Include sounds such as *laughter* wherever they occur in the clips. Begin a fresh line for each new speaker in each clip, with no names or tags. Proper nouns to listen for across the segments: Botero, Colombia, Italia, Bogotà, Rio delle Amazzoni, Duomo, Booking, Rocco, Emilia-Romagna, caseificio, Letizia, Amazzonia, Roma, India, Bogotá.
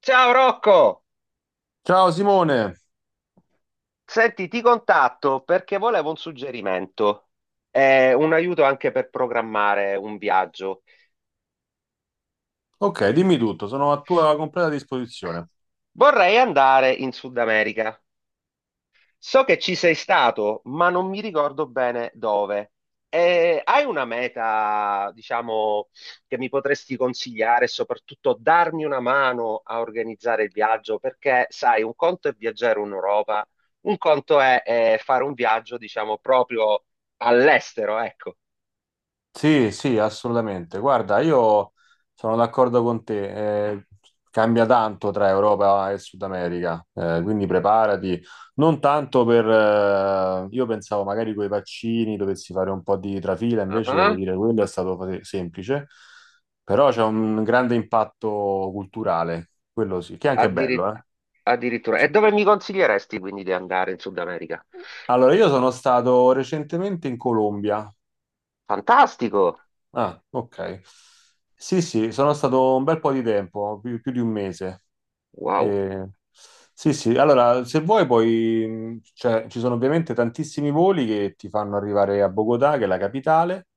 Ciao Rocco!
Ciao Simone,
Senti, ti contatto perché volevo un suggerimento, un aiuto anche per programmare un viaggio.
ok, dimmi tutto, sono a tua completa disposizione.
Vorrei andare in Sud America. So che ci sei stato, ma non mi ricordo bene dove. Hai una meta, diciamo, che mi potresti consigliare e soprattutto darmi una mano a organizzare il viaggio? Perché, sai, un conto è viaggiare in Europa, un conto è, fare un viaggio, diciamo, proprio all'estero, ecco.
Sì, sì, assolutamente. Guarda, io sono d'accordo con te, cambia tanto tra Europa e Sud America, quindi preparati, non tanto per... io pensavo magari con i vaccini dovessi fare un po' di trafila, invece devo
Ah,
dire quello è stato semplice, però c'è un grande impatto culturale, quello sì, che è anche bello,
addiri-
eh.
addirittura. E dove mi consiglieresti quindi di andare in Sud America?
Allora, io sono stato recentemente in Colombia.
Fantastico!
Ah, ok. Sì, sì, sono stato un bel po' di tempo, più di 1 mese.
Wow.
Eh, sì, sì, allora, se vuoi poi, cioè, ci sono ovviamente tantissimi voli che ti fanno arrivare a Bogotà, che è la capitale,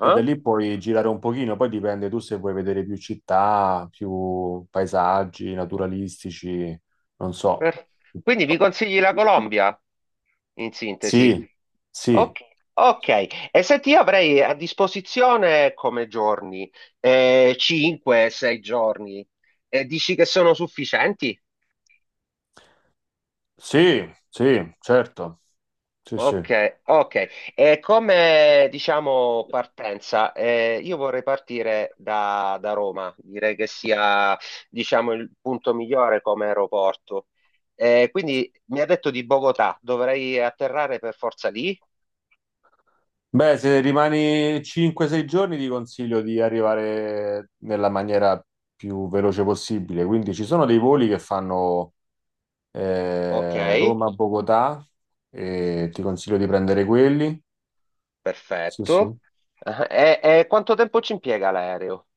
e da lì puoi girare un pochino, poi dipende tu se vuoi vedere più città, più paesaggi naturalistici, non so.
per- quindi mi consigli la Colombia, in sintesi.
Sì, sì,
Ok. Ok. E senti, io avrei a disposizione come giorni, 5-6 giorni. E dici che sono sufficienti?
sì, sì, certo. Sì, sì.
Ok, ok. E come diciamo partenza, io vorrei partire da, da Roma, direi che sia diciamo il punto migliore come aeroporto. Quindi mi ha detto di Bogotà, dovrei atterrare per forza lì?
Beh, se rimani 5-6 giorni ti consiglio di arrivare nella maniera più veloce possibile. Quindi ci sono dei voli che fanno
Ok,
Roma-Bogotà, e
sì,
ti consiglio di prendere quelli. Sì, sì.
perfetto. Ah, e quanto tempo ci impiega l'aereo?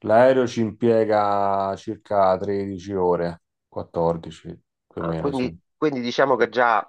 L'aereo ci impiega circa 13 ore, 14 più o
Ah,
meno, sì.
quindi, quindi diciamo che già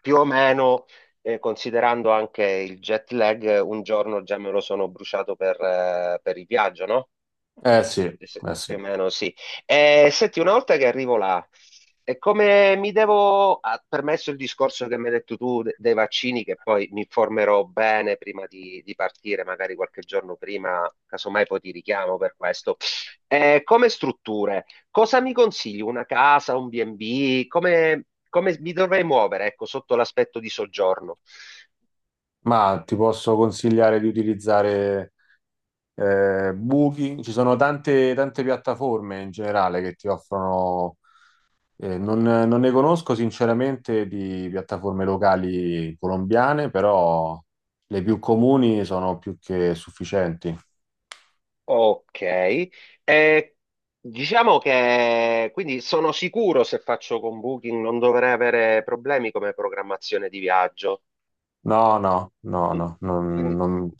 più o meno, considerando anche il jet lag, un giorno già me lo sono bruciato per il viaggio, no?
Eh sì, eh
Più o
sì.
meno sì. Senti, una volta che arrivo là, e come mi devo, ah, permesso il discorso che mi hai detto tu dei vaccini, che poi mi informerò bene prima di partire, magari qualche giorno prima, casomai poi ti richiamo per questo. Come strutture, cosa mi consigli? Una casa, un B&B? Come, come mi dovrei muovere, ecco, sotto l'aspetto di soggiorno?
Ma ti posso consigliare di utilizzare buchi, ci sono tante piattaforme in generale che ti offrono, non ne conosco sinceramente di piattaforme locali colombiane, però le più comuni sono più che sufficienti.
Ok. Eh, diciamo che quindi sono sicuro se faccio con Booking non dovrei avere problemi come programmazione di viaggio.
No, no, no,
Mm,
no,
quindi-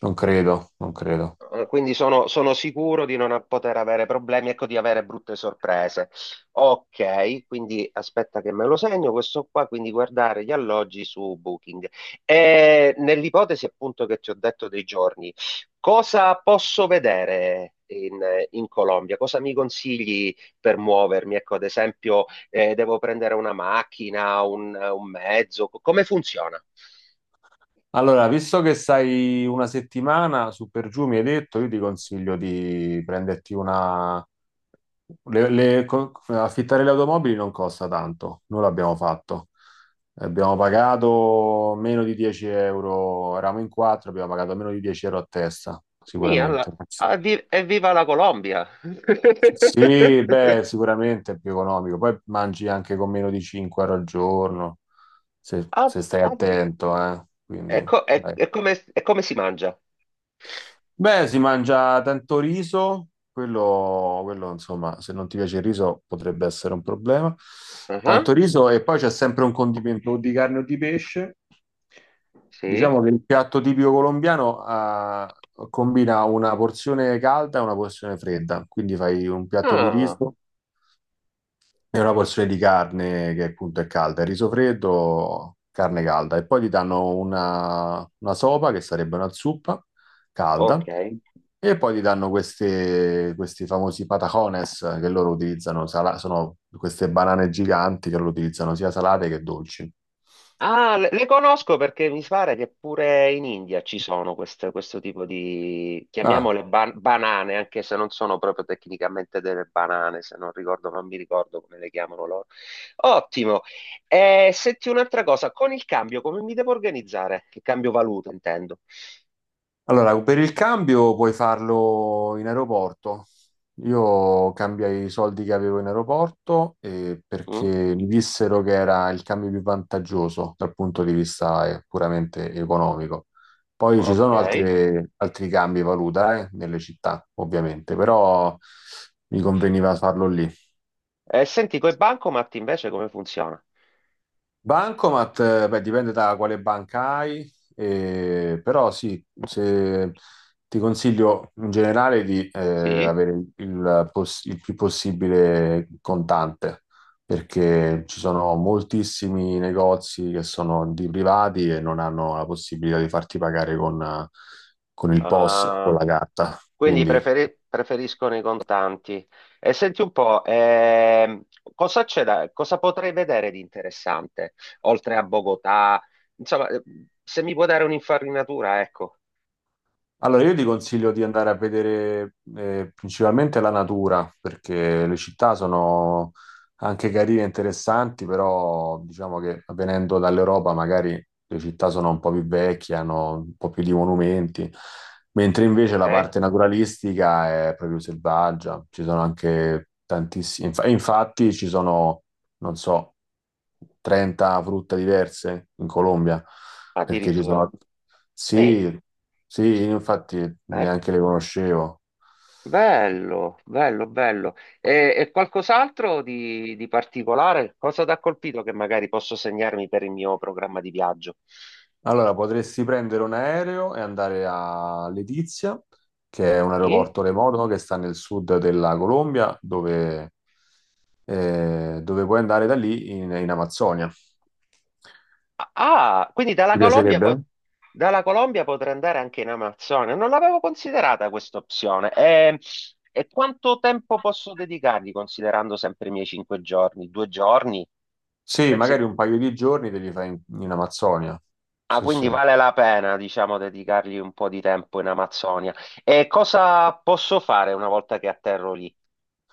non credo, non credo.
Quindi sono, sono sicuro di non poter avere problemi, ecco, di avere brutte sorprese. Ok, quindi aspetta che me lo segno questo qua, quindi guardare gli alloggi su Booking. E nell'ipotesi appunto che ti ho detto dei giorni, cosa posso vedere in, in Colombia? Cosa mi consigli per muovermi? Ecco, ad esempio, devo prendere una macchina, un mezzo, come funziona?
Allora, visto che stai 1 settimana su per giù, mi hai detto, io ti consiglio di prenderti una, affittare le automobili non costa tanto, noi l'abbiamo fatto. Abbiamo pagato meno di 10 euro, eravamo in quattro, abbiamo pagato meno di 10 euro a testa,
Sì,
sicuramente.
evviva la Colombia!
Sì, beh,
*laughs*
sicuramente è più economico. Poi mangi anche con meno di 5 euro al giorno, se,
Ah,
se stai
addi-
attento, eh.
è,
Quindi, dai.
è come si mangia?
Beh, si mangia tanto riso, insomma, se non ti piace il riso potrebbe essere un problema.
Ah,
Tanto riso e poi c'è sempre un condimento o di carne o di pesce.
sì.
Diciamo che il piatto tipico colombiano combina una porzione calda e una porzione fredda, quindi fai un piatto di
Ah,
riso. È una porzione di carne che appunto è calda, il riso freddo, carne calda e poi ti danno una sopa che sarebbe una zuppa calda
ok.
e poi ti danno queste, questi famosi patacones che loro utilizzano, sono queste banane giganti che loro utilizzano sia salate che dolci.
Ah, le conosco perché mi pare che pure in India ci sono questo tipo di,
Ah.
chiamiamole banane, anche se non sono proprio tecnicamente delle banane, se non ricordo, non mi ricordo come le chiamano loro. Ottimo. Senti un'altra cosa, con il cambio come mi devo organizzare? Il cambio valuta, intendo.
Allora, per il cambio puoi farlo in aeroporto. Io cambiai i soldi che avevo in aeroporto,
Mm,
perché mi dissero che era il cambio più vantaggioso dal punto di vista puramente economico. Poi ci
ok.
sono altri cambi valuta nelle città, ovviamente, però mi conveniva farlo lì.
E senti, coi bancomat invece come funziona?
Bancomat, beh, dipende da quale banca hai, però sì, ti consiglio in generale di
Sì?
avere il, il più possibile contante, perché ci sono moltissimi negozi che sono di privati e non hanno la possibilità di farti pagare con il POS o S o con
Ah,
la carta.
quindi
Quindi
preferiscono i contanti. E senti un po', cosa c'è da, cosa potrei vedere di interessante, oltre a Bogotà? Insomma, se mi può dare un'infarinatura, ecco.
allora, io ti consiglio di andare a vedere principalmente la natura, perché le città sono anche carine e interessanti, però diciamo che venendo dall'Europa magari le città sono un po' più vecchie, hanno un po' più di monumenti, mentre invece
Ok?
la parte naturalistica è proprio selvaggia, ci sono anche tantissimi, e infatti ci sono non so, 30 frutta diverse in Colombia, perché ci
Addirittura.
sono...
Mi.
Sì, sì, infatti neanche
Bello.
le conoscevo.
Bello, bello, bello. E qualcos'altro di particolare? Cosa ti ha colpito che magari posso segnarmi per il mio programma di viaggio?
Allora, potresti prendere un aereo e andare a Letizia, che è un
Sì?
aeroporto remoto che sta nel sud della Colombia, dove, dove puoi andare da lì in, in Amazzonia.
Ah, ah, quindi dalla
Ti
Colombia,
piacerebbe?
dalla Colombia potrei andare anche in Amazzonia. Non l'avevo considerata questa opzione. E quanto tempo posso dedicargli considerando sempre i miei 5 giorni? 2 giorni?
Sì,
Pensi?
magari un paio di giorni te li fai in, in Amazzonia.
Ah,
Sì,
quindi
sì.
vale la pena, diciamo, dedicargli un po' di tempo in Amazzonia. E cosa posso fare una volta che atterro lì,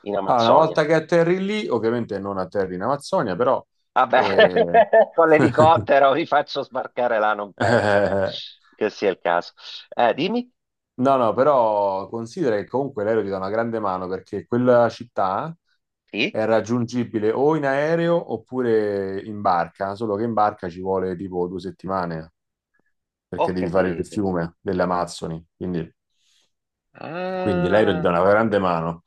in
Allora, una
Amazzonia?
volta che atterri lì, ovviamente non atterri in Amazzonia, però...
Vabbè,
eh,
*laughs* con
*laughs*
l'elicottero vi faccio sbarcare là, non penso
eh,
che sia il caso. Dimmi?
no, no, però considera che comunque l'aereo ti dà una grande mano perché quella città
Sì?
è raggiungibile o in aereo oppure in barca, solo che in barca ci vuole tipo 2 settimane
Ho
perché devi fare il
capito.
fiume delle Amazzoni, quindi... Quindi l'aereo gli dà
Ah,
una grande mano.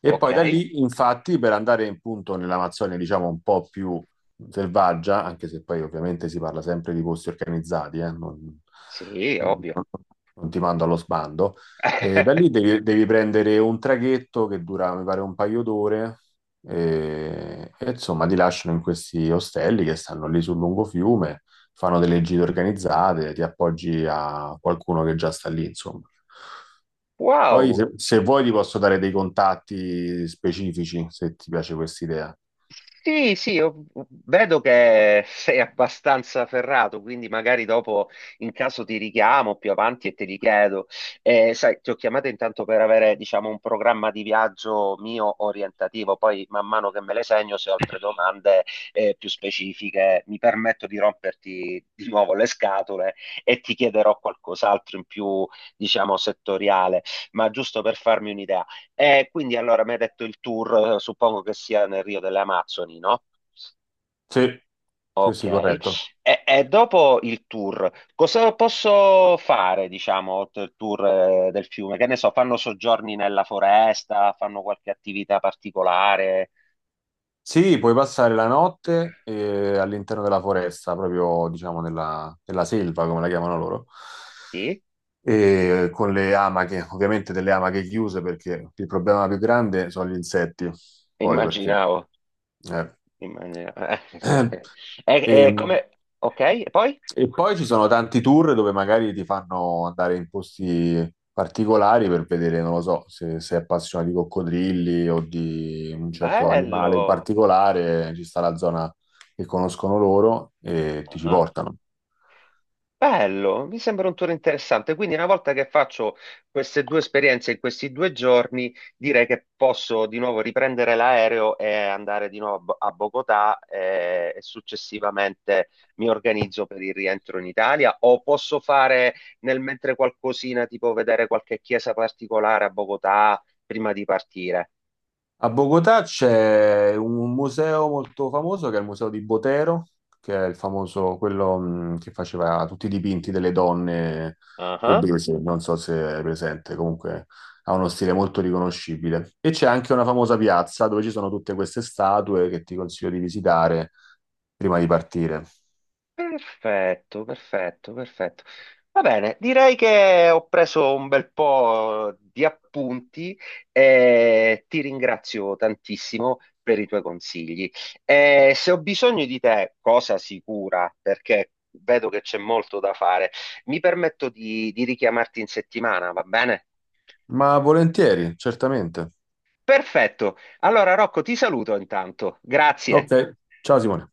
E
ok.
poi da lì, infatti, per andare in punto nell'Amazzonia, diciamo un po' più selvaggia, anche se poi ovviamente si parla sempre di posti organizzati,
Sì, ovvio.
non ti mando allo sbando. E da lì
*laughs*
devi prendere un traghetto che dura, mi pare, un paio d'ore e insomma ti lasciano in questi ostelli che stanno lì sul lungo fiume, fanno delle gite organizzate, ti appoggi a qualcuno che già sta lì, insomma. Poi
Wow!
se, se vuoi ti posso dare dei contatti specifici, se ti piace questa idea.
Sì, sì, io vedo che sei abbastanza ferrato, quindi magari dopo in caso ti richiamo più avanti e te li chiedo. Sai, ti ho chiamato intanto per avere, diciamo, un programma di viaggio mio orientativo, poi man mano che me le segno, se ho altre domande più specifiche, mi permetto di romperti di nuovo le scatole e ti chiederò qualcos'altro in più, diciamo, settoriale, ma giusto per farmi un'idea. E quindi allora mi hai detto il tour, suppongo che sia nel Rio delle Amazzoni, no?
Sì, sì,
Ok,
sì, corretto.
e dopo il tour, cosa posso fare, diciamo, oltre il tour del fiume? Che ne so, fanno soggiorni nella foresta, fanno qualche attività particolare?
Sì, puoi passare la notte all'interno della foresta, proprio diciamo nella, nella selva, come la chiamano loro,
Sì,
e con le amache, ovviamente delle amache chiuse perché il problema più grande sono gli insetti, poi perché...
immaginavo,
eh.
immaginavo. *laughs*
*clears throat*
E,
E,
e come... Ok, e poi?
e poi ci sono tanti tour dove magari ti fanno andare in posti particolari per vedere, non lo so, se sei appassionato di coccodrilli o di un certo animale in
Bello!
particolare, ci sta la zona che conoscono loro e ti ci
Ah.
portano.
Bello, mi sembra un tour interessante. Quindi una volta che faccio queste 2 esperienze in questi 2 giorni, direi che posso di nuovo riprendere l'aereo e andare di nuovo a a Bogotà e, successivamente mi organizzo per il rientro in Italia o posso fare nel mentre qualcosina, tipo vedere qualche chiesa particolare a Bogotà prima di partire.
A Bogotà c'è un museo molto famoso che è il museo di Botero, che è il famoso, quello che faceva tutti i dipinti delle donne
Ah.
obese, non so se è presente, comunque ha uno stile molto riconoscibile. E c'è anche una famosa piazza dove ci sono tutte queste statue che ti consiglio di visitare prima di partire.
Perfetto, perfetto, perfetto. Va bene, direi che ho preso un bel po' di appunti e ti ringrazio tantissimo per i tuoi consigli. E se ho bisogno di te, cosa sicura, perché vedo che c'è molto da fare, mi permetto di richiamarti in settimana, va bene?
Ma volentieri, certamente.
Perfetto. Allora, Rocco, ti saluto intanto. Grazie.
Ok, ciao Simone.